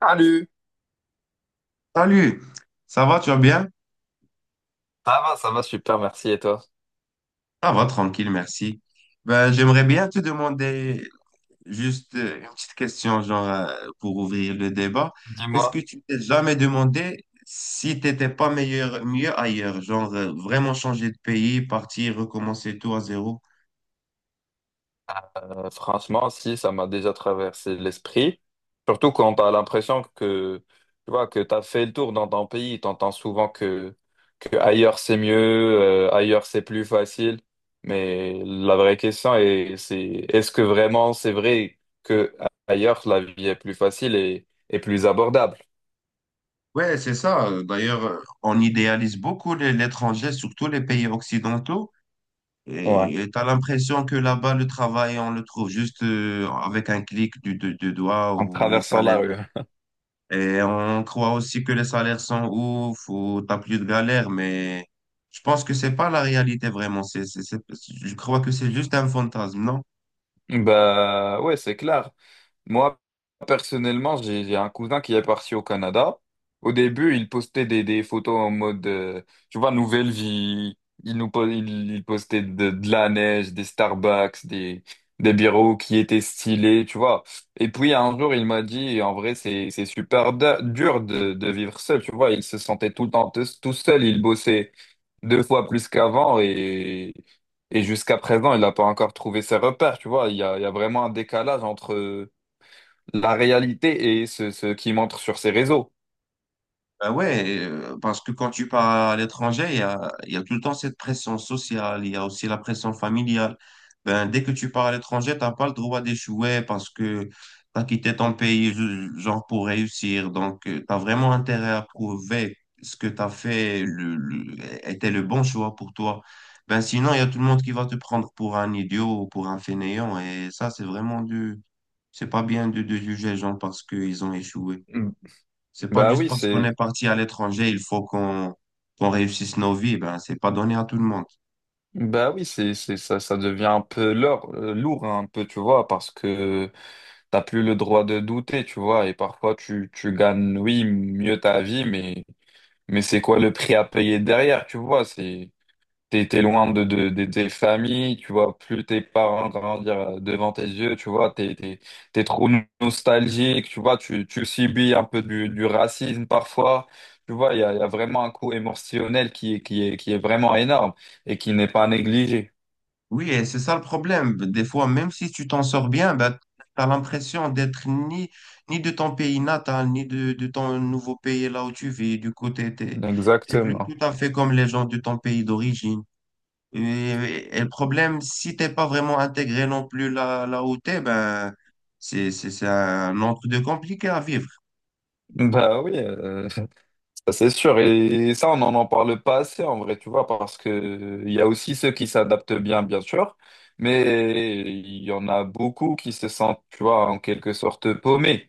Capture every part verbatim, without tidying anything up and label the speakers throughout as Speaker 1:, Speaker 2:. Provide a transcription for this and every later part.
Speaker 1: Salut!
Speaker 2: Salut, ça va, tu vas bien?
Speaker 1: Ça va, ça va super, merci. Et toi?
Speaker 2: Ça va, tranquille, merci. Ben, j'aimerais bien te demander juste euh, une petite question, genre, euh, pour ouvrir le débat. Est-ce
Speaker 1: Dis-moi.
Speaker 2: que tu t'es jamais demandé si t'étais pas meilleur, mieux ailleurs, genre, euh, vraiment changer de pays, partir, recommencer tout à zéro?
Speaker 1: Euh, franchement, si, ça m'a déjà traversé l'esprit. Surtout quand tu as l'impression que tu vois que tu as fait le tour dans ton pays, tu entends souvent que, que ailleurs c'est mieux, euh, ailleurs c'est plus facile. Mais la vraie question est, c'est est-ce que vraiment c'est vrai que ailleurs la vie est plus facile et, et plus abordable?
Speaker 2: Ouais, c'est ça. Euh, D'ailleurs, euh, on idéalise beaucoup les- l'étranger, surtout les pays occidentaux.
Speaker 1: Ouais.
Speaker 2: Et tu as l'impression que là-bas, le travail, on le trouve juste euh, avec un clic du, de- du doigt
Speaker 1: En
Speaker 2: ou les
Speaker 1: traversant la
Speaker 2: salaires.
Speaker 1: rue.
Speaker 2: Et on croit aussi que les salaires sont ouf ou t'as plus de galère, mais je pense que c'est pas la réalité vraiment. C'est, c'est, c'est- je crois que c'est juste un fantasme, non?
Speaker 1: Bah ouais, c'est clair. Moi, personnellement, j'ai j'ai un cousin qui est parti au Canada. Au début, il postait des, des photos en mode, euh, tu vois, nouvelle vie. Il nous po- il, il postait de, de la neige, des Starbucks, des, des bureaux qui étaient stylés, tu vois. Et puis, un jour, il m'a dit, en vrai, c'est, c'est super da- dur de, de vivre seul, tu vois. Il se sentait tout le temps te- tout seul. Il bossait deux fois plus qu'avant et, et jusqu'à présent, il n'a pas encore trouvé ses repères, tu vois. Il y a, il y a vraiment un décalage entre la réalité et ce, ce qui montre sur ces réseaux.
Speaker 2: Bah ouais, euh, parce que quand tu pars à l'étranger, il y a, il y a tout le temps cette pression sociale, il y a aussi la pression familiale. Ben, dès que tu pars à l'étranger, t'as pas le droit d'échouer parce que tu as quitté ton pays ju- genre pour réussir. Donc, tu as vraiment intérêt à prouver ce que tu as fait le, le- était le bon choix pour toi. Ben, sinon, il y a tout le monde qui va te prendre pour un idiot ou pour un fainéant. Et ça, c'est vraiment du... C'est pas bien de, de juger les gens parce qu'ils ont échoué.
Speaker 1: Mm.
Speaker 2: C'est pas
Speaker 1: Bah
Speaker 2: juste
Speaker 1: oui,
Speaker 2: parce qu'on est
Speaker 1: c'est
Speaker 2: parti à l'étranger, il faut qu'on qu'on réussisse nos vies. Ben, c'est pas donné à tout le monde.
Speaker 1: bah oui, c'est c'est ça ça devient un peu lourd, euh, lourd hein, un peu, tu vois, parce que t'as plus le droit de douter, tu vois, et parfois tu tu gagnes oui, mieux ta vie, mais mais c'est quoi le prix à payer derrière, tu vois, c'est T'es, t'es loin de, de, de tes familles, tu vois, plus tes parents grandir euh, devant tes yeux, tu vois, t'es, t'es, t'es trop no- nostalgique, tu vois, tu, tu subis un peu du, du racisme parfois, tu vois, il y a, il y a vraiment un coût émotionnel qui, est- qui est, qui est vraiment énorme et qui n'est pas négligé.
Speaker 2: Oui, et c'est ça le problème. Des fois, même si tu t'en sors bien, ben, tu as l'impression d'être ni, ni de ton pays natal, ni de, de ton nouveau pays là où tu vis. Du coup, tu t'es, t'es plus
Speaker 1: Exactement.
Speaker 2: tout à fait comme les gens de ton pays d'origine. Et, et le problème, si t'es pas vraiment intégré non plus là, là où t'es, ben, c'est, c'est c'est un autre de compliqué à vivre.
Speaker 1: Bah oui, euh, c'est sûr, et ça, on n'en en parle pas assez en vrai, tu vois, parce que euh, il y a aussi ceux qui s'adaptent bien, bien sûr, mais il y en a beaucoup qui se sentent, tu vois, en quelque sorte paumés.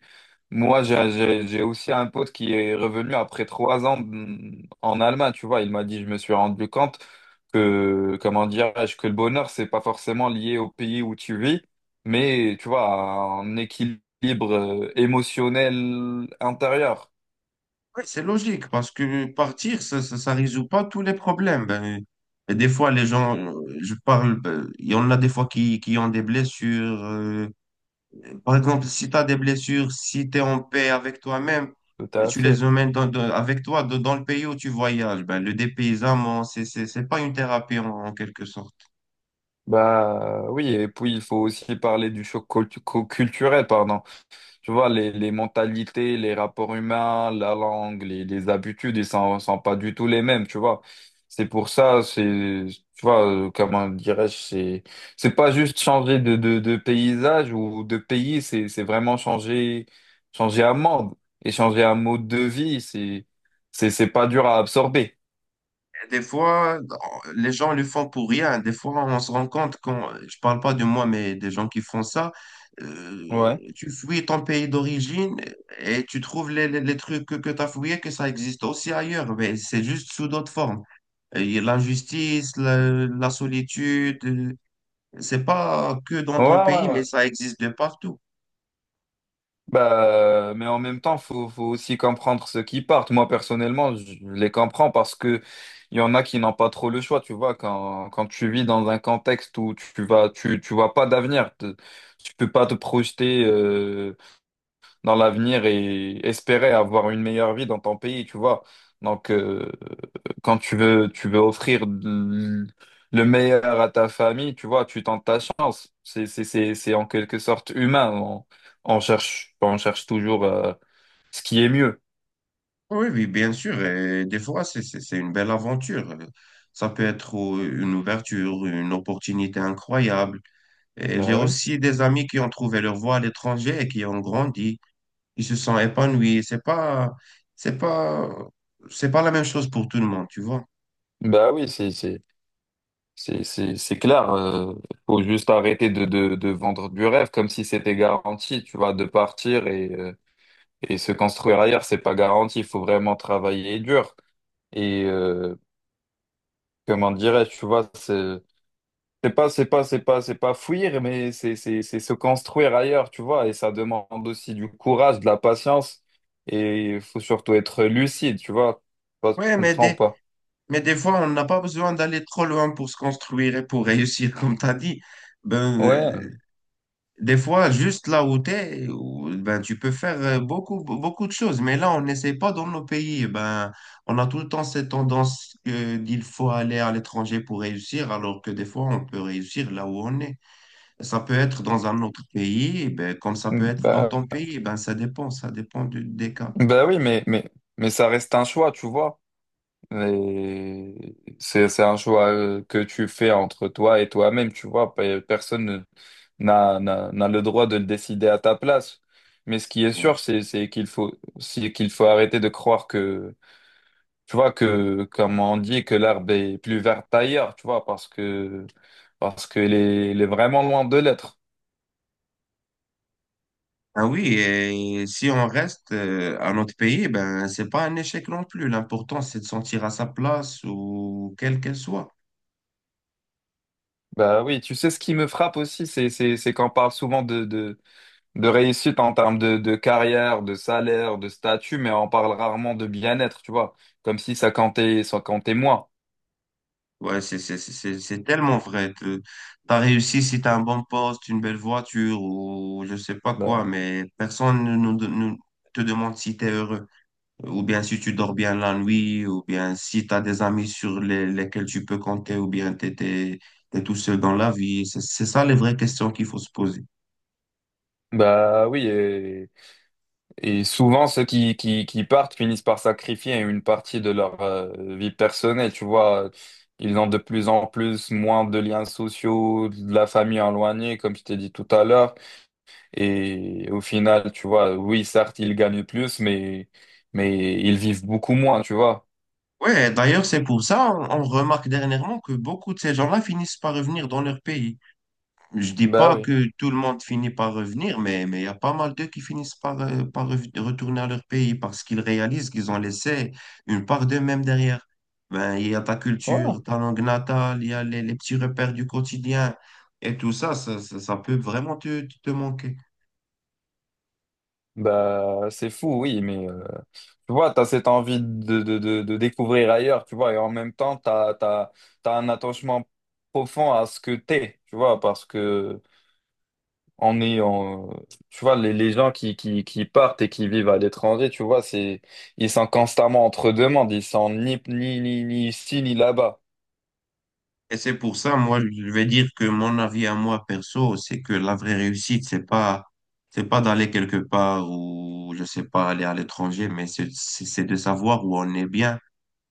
Speaker 1: Moi, j'ai j'ai- j'ai aussi un pote qui est revenu après trois ans mm, en Allemagne, tu vois, il m'a dit, je me suis rendu compte que, comment dirais-je, que le bonheur, c'est pas forcément lié au pays où tu vis, mais, tu vois, à un équilibre euh, émotionnel intérieur.
Speaker 2: Oui, c'est logique, parce que partir, ça ça, ça résout pas tous les problèmes. Ben, et des fois, les gens, euh, je parle, ben, il y en a des fois qui, qui ont des blessures. euh, par exemple, si tu as des blessures, si tu es en paix avec toi-même,
Speaker 1: Tout
Speaker 2: et
Speaker 1: à
Speaker 2: tu les
Speaker 1: fait.
Speaker 2: emmènes dans- dans- avec toi dans dans le pays où tu voyages. Ben, le dépaysement, c'est c'est c'est pas une thérapie en en quelque sorte.
Speaker 1: Bah oui, et puis il faut aussi parler du choc cultu- cu- culturel, pardon. Tu vois, les, les mentalités, les rapports humains, la langue, les, les habitudes, ils sont, sont pas du tout les mêmes, tu vois. C'est pour ça, c'est, tu vois, euh, comment dirais-je, c'est, c'est pas juste changer de, de, de paysage ou de pays, c'est, c'est vraiment changer, changer un monde et changer un mode de vie, c'est, c'est, c'est pas dur à absorber.
Speaker 2: Des fois, les gens le font pour rien. Des fois, on se rend compte quand, je parle pas de moi, mais des gens qui font ça,
Speaker 1: Ouais.
Speaker 2: euh, tu fouilles ton pays d'origine et tu trouves les, les- les trucs que, tu as fouillés, que ça existe aussi ailleurs, mais c'est juste sous d'autres formes. Et l'injustice, la, la solitude, euh, c'est pas que dans
Speaker 1: Ouais,
Speaker 2: ton
Speaker 1: ouais,
Speaker 2: pays, mais
Speaker 1: ouais.
Speaker 2: ça existe de partout.
Speaker 1: Bah, mais en même temps, faut, faut aussi comprendre ceux qui partent. Moi, personnellement, je les comprends parce que il y en a qui n'ont pas trop le choix. Tu vois, quand, quand tu vis dans un contexte où tu vas, tu, tu vois pas d'avenir, te- tu peux pas te projeter. Euh, dans l'avenir et espérer avoir une meilleure vie dans ton pays, tu vois. Donc, euh, quand tu veux, tu veux offrir l- le meilleur à ta famille, tu vois, tu tentes ta chance. C'est, c'est, c'est, c'est en quelque sorte humain. On, on cherche, on cherche toujours, euh, ce qui est mieux.
Speaker 2: Oui, oui, bien sûr. Et des fois, c'est c'est- c'est une belle aventure. Euh, Ça peut être euh, une ouverture, une opportunité incroyable. Et j'ai
Speaker 1: Bah oui.
Speaker 2: aussi des amis qui ont trouvé leur voie à l'étranger et qui ont grandi. Ils se sont épanouis. C'est pas, c'est pas, c'est pas la même chose pour tout le monde, tu vois.
Speaker 1: Bah oui, c'est, c'est, c'est, c'est, c'est clair. Euh, faut juste arrêter de, de, de vendre du rêve comme si c'était garanti, tu vois, de partir et, euh, et se construire ailleurs, c'est pas garanti. Il faut vraiment travailler dur. Et euh, comment dirais-je, tu vois, c'est c'est pas, c'est pas, c'est pas, c'est pas fuir, mais c'est c'est- c'est se construire ailleurs, tu vois. Et ça demande aussi du courage, de la patience. Et il faut surtout être lucide, tu vois. Je sais pas si tu
Speaker 2: Ouais, mais
Speaker 1: comprends ou
Speaker 2: des,
Speaker 1: pas.
Speaker 2: mais des fois, on n'a pas besoin d'aller trop loin pour se construire et pour réussir, comme tu as dit. Ben,
Speaker 1: Ouais,
Speaker 2: euh, des fois, juste là où tu es, ben, tu peux faire euh, beaucoup, beaucoup de choses. Mais là, on n'essaie pas dans nos pays. Ben, on a tout le temps cette tendance que, qu'il faut aller à l'étranger pour réussir, alors que des fois, on peut réussir là où on est. Ça peut être dans un autre pays, eh ben, comme ça peut être dans
Speaker 1: bah,
Speaker 2: ton pays, eh ben, ça dépend, ça dépend du- des cas,
Speaker 1: bah oui, mais, mais, mais ça reste un choix, tu vois. Et c'est, c'est un choix euh, que tu fais entre toi et toi-même, tu vois. Pe- Personne ne- n'a, n'a, n'a le droit de le décider à ta place. Mais ce qui est
Speaker 2: bien
Speaker 1: sûr,
Speaker 2: sûr.
Speaker 1: c'est, c'est qu'il faut, c'est qu'il faut arrêter de croire que, tu vois, que, comme on dit, que l'herbe est plus verte ailleurs, tu vois, parce que, parce qu'elle est, elle est vraiment loin de l'être.
Speaker 2: Ah oui, et si on reste euh, à notre pays, eh ben, c'est pas un échec non plus. L'important, c'est de sentir à sa place ou quelle qu'elle soit.
Speaker 1: Bah oui, tu sais, ce qui me frappe aussi, c'est, c'est, c'est qu'on parle souvent de, de, de réussite en termes de, de carrière, de salaire, de statut, mais on parle rarement de bien-être, tu vois, comme si ça comptait, ça comptait moins.
Speaker 2: Ouais, c'est, c'est, c'est, c'est c'est tellement vrai. Tu as réussi si tu as un bon poste, une belle voiture ou je sais pas quoi,
Speaker 1: Bah,
Speaker 2: mais personne ne nous- nous te demande si tu es heureux. Ou bien si tu dors bien la nuit, ou bien si tu as des amis sur les- lesquels tu peux compter, ou bien tu es, tout seul dans la vie. C'est c'est ça les vraies questions qu'il faut se poser.
Speaker 1: bah oui, Et souvent, ceux qui, qui, qui partent finissent par sacrifier une partie de leur euh, vie personnelle. Tu vois, ils ont de plus en plus moins de liens sociaux, de la famille éloignée, comme je t'ai dit tout à l'heure. Et au final, tu vois, oui, certes, ils gagnent plus, mais, mais ils vivent beaucoup moins, tu vois.
Speaker 2: Ouais, d'ailleurs, c'est pour ça on on remarque dernièrement que beaucoup de ces gens-là finissent par revenir dans leur pays. Je dis
Speaker 1: Bah
Speaker 2: pas
Speaker 1: oui.
Speaker 2: que tout le monde finit par revenir, mais mais il y a pas mal d'eux qui finissent par, euh, par rev- retourner à leur pays parce qu'ils réalisent qu'ils ont laissé une part d'eux-mêmes derrière. Ben, il y a ta
Speaker 1: Ouais.
Speaker 2: culture, ta langue natale, il y a les, les petits repères du quotidien et tout ça, ça, ça, ça peut vraiment te, te manquer.
Speaker 1: Bah, c'est fou, oui, mais euh, tu vois, tu as cette envie de, de, de, de découvrir ailleurs, tu vois, et en même temps, tu as, t'as, t'as t'as un attachement profond à ce que t'es, tu vois, parce que on est en, tu vois, les, les gens qui, qui, qui partent et qui vivent à l'étranger, tu vois, c'est, ils sont constamment entre deux mondes, ils sont ni, ni, ni, ni ici, ni là-bas.
Speaker 2: Et c'est pour ça, moi, je vais dire que mon avis à moi perso, c'est que la vraie réussite, c'est pas, c'est pas d'aller quelque part ou, je sais pas, aller à l'étranger, mais c'est c'est- c'est de savoir où on est bien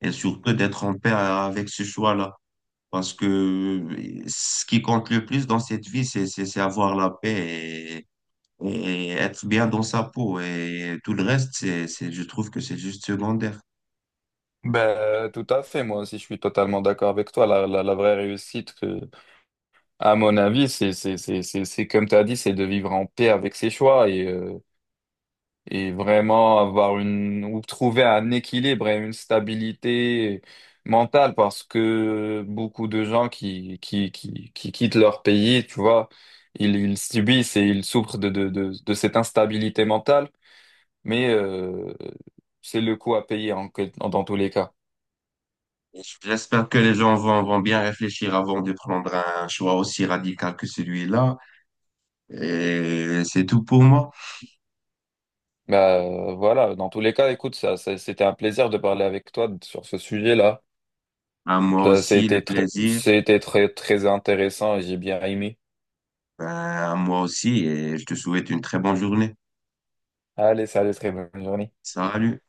Speaker 2: et surtout d'être en paix avec ce choix-là. Parce que ce qui compte le plus dans cette vie, c'est, c'est, c'est avoir la paix et, et être bien dans sa peau. Et tout le reste, c'est, c'est, je trouve que c'est juste secondaire.
Speaker 1: Ben, euh, tout à fait, moi aussi, je suis totalement d'accord avec toi, la, la, la vraie réussite, à mon avis, c'est c'est c'est c'est c'est comme tu as dit, c'est de vivre en paix avec ses choix et euh, et vraiment avoir une ou trouver un équilibre et une stabilité mentale parce que beaucoup de gens qui qui qui qui quittent leur pays, tu vois, ils ils subissent et ils souffrent de de de, de cette instabilité mentale, mais euh, c'est le coût à payer en, en- dans tous les cas.
Speaker 2: J'espère que les gens vont, vont bien réfléchir avant de prendre un choix aussi radical que celui-là. Et c'est tout pour moi.
Speaker 1: Bah, voilà, dans tous les cas, écoute, ça, ça- c'était un plaisir de parler avec toi sur ce sujet-là.
Speaker 2: À moi
Speaker 1: Ça,
Speaker 2: aussi, le
Speaker 1: c'était très,
Speaker 2: plaisir.
Speaker 1: c'était très, très intéressant et j'ai bien aimé.
Speaker 2: Ben, à moi aussi. Et je te souhaite une très bonne journée.
Speaker 1: Allez, salut, très bonne journée.
Speaker 2: Salut.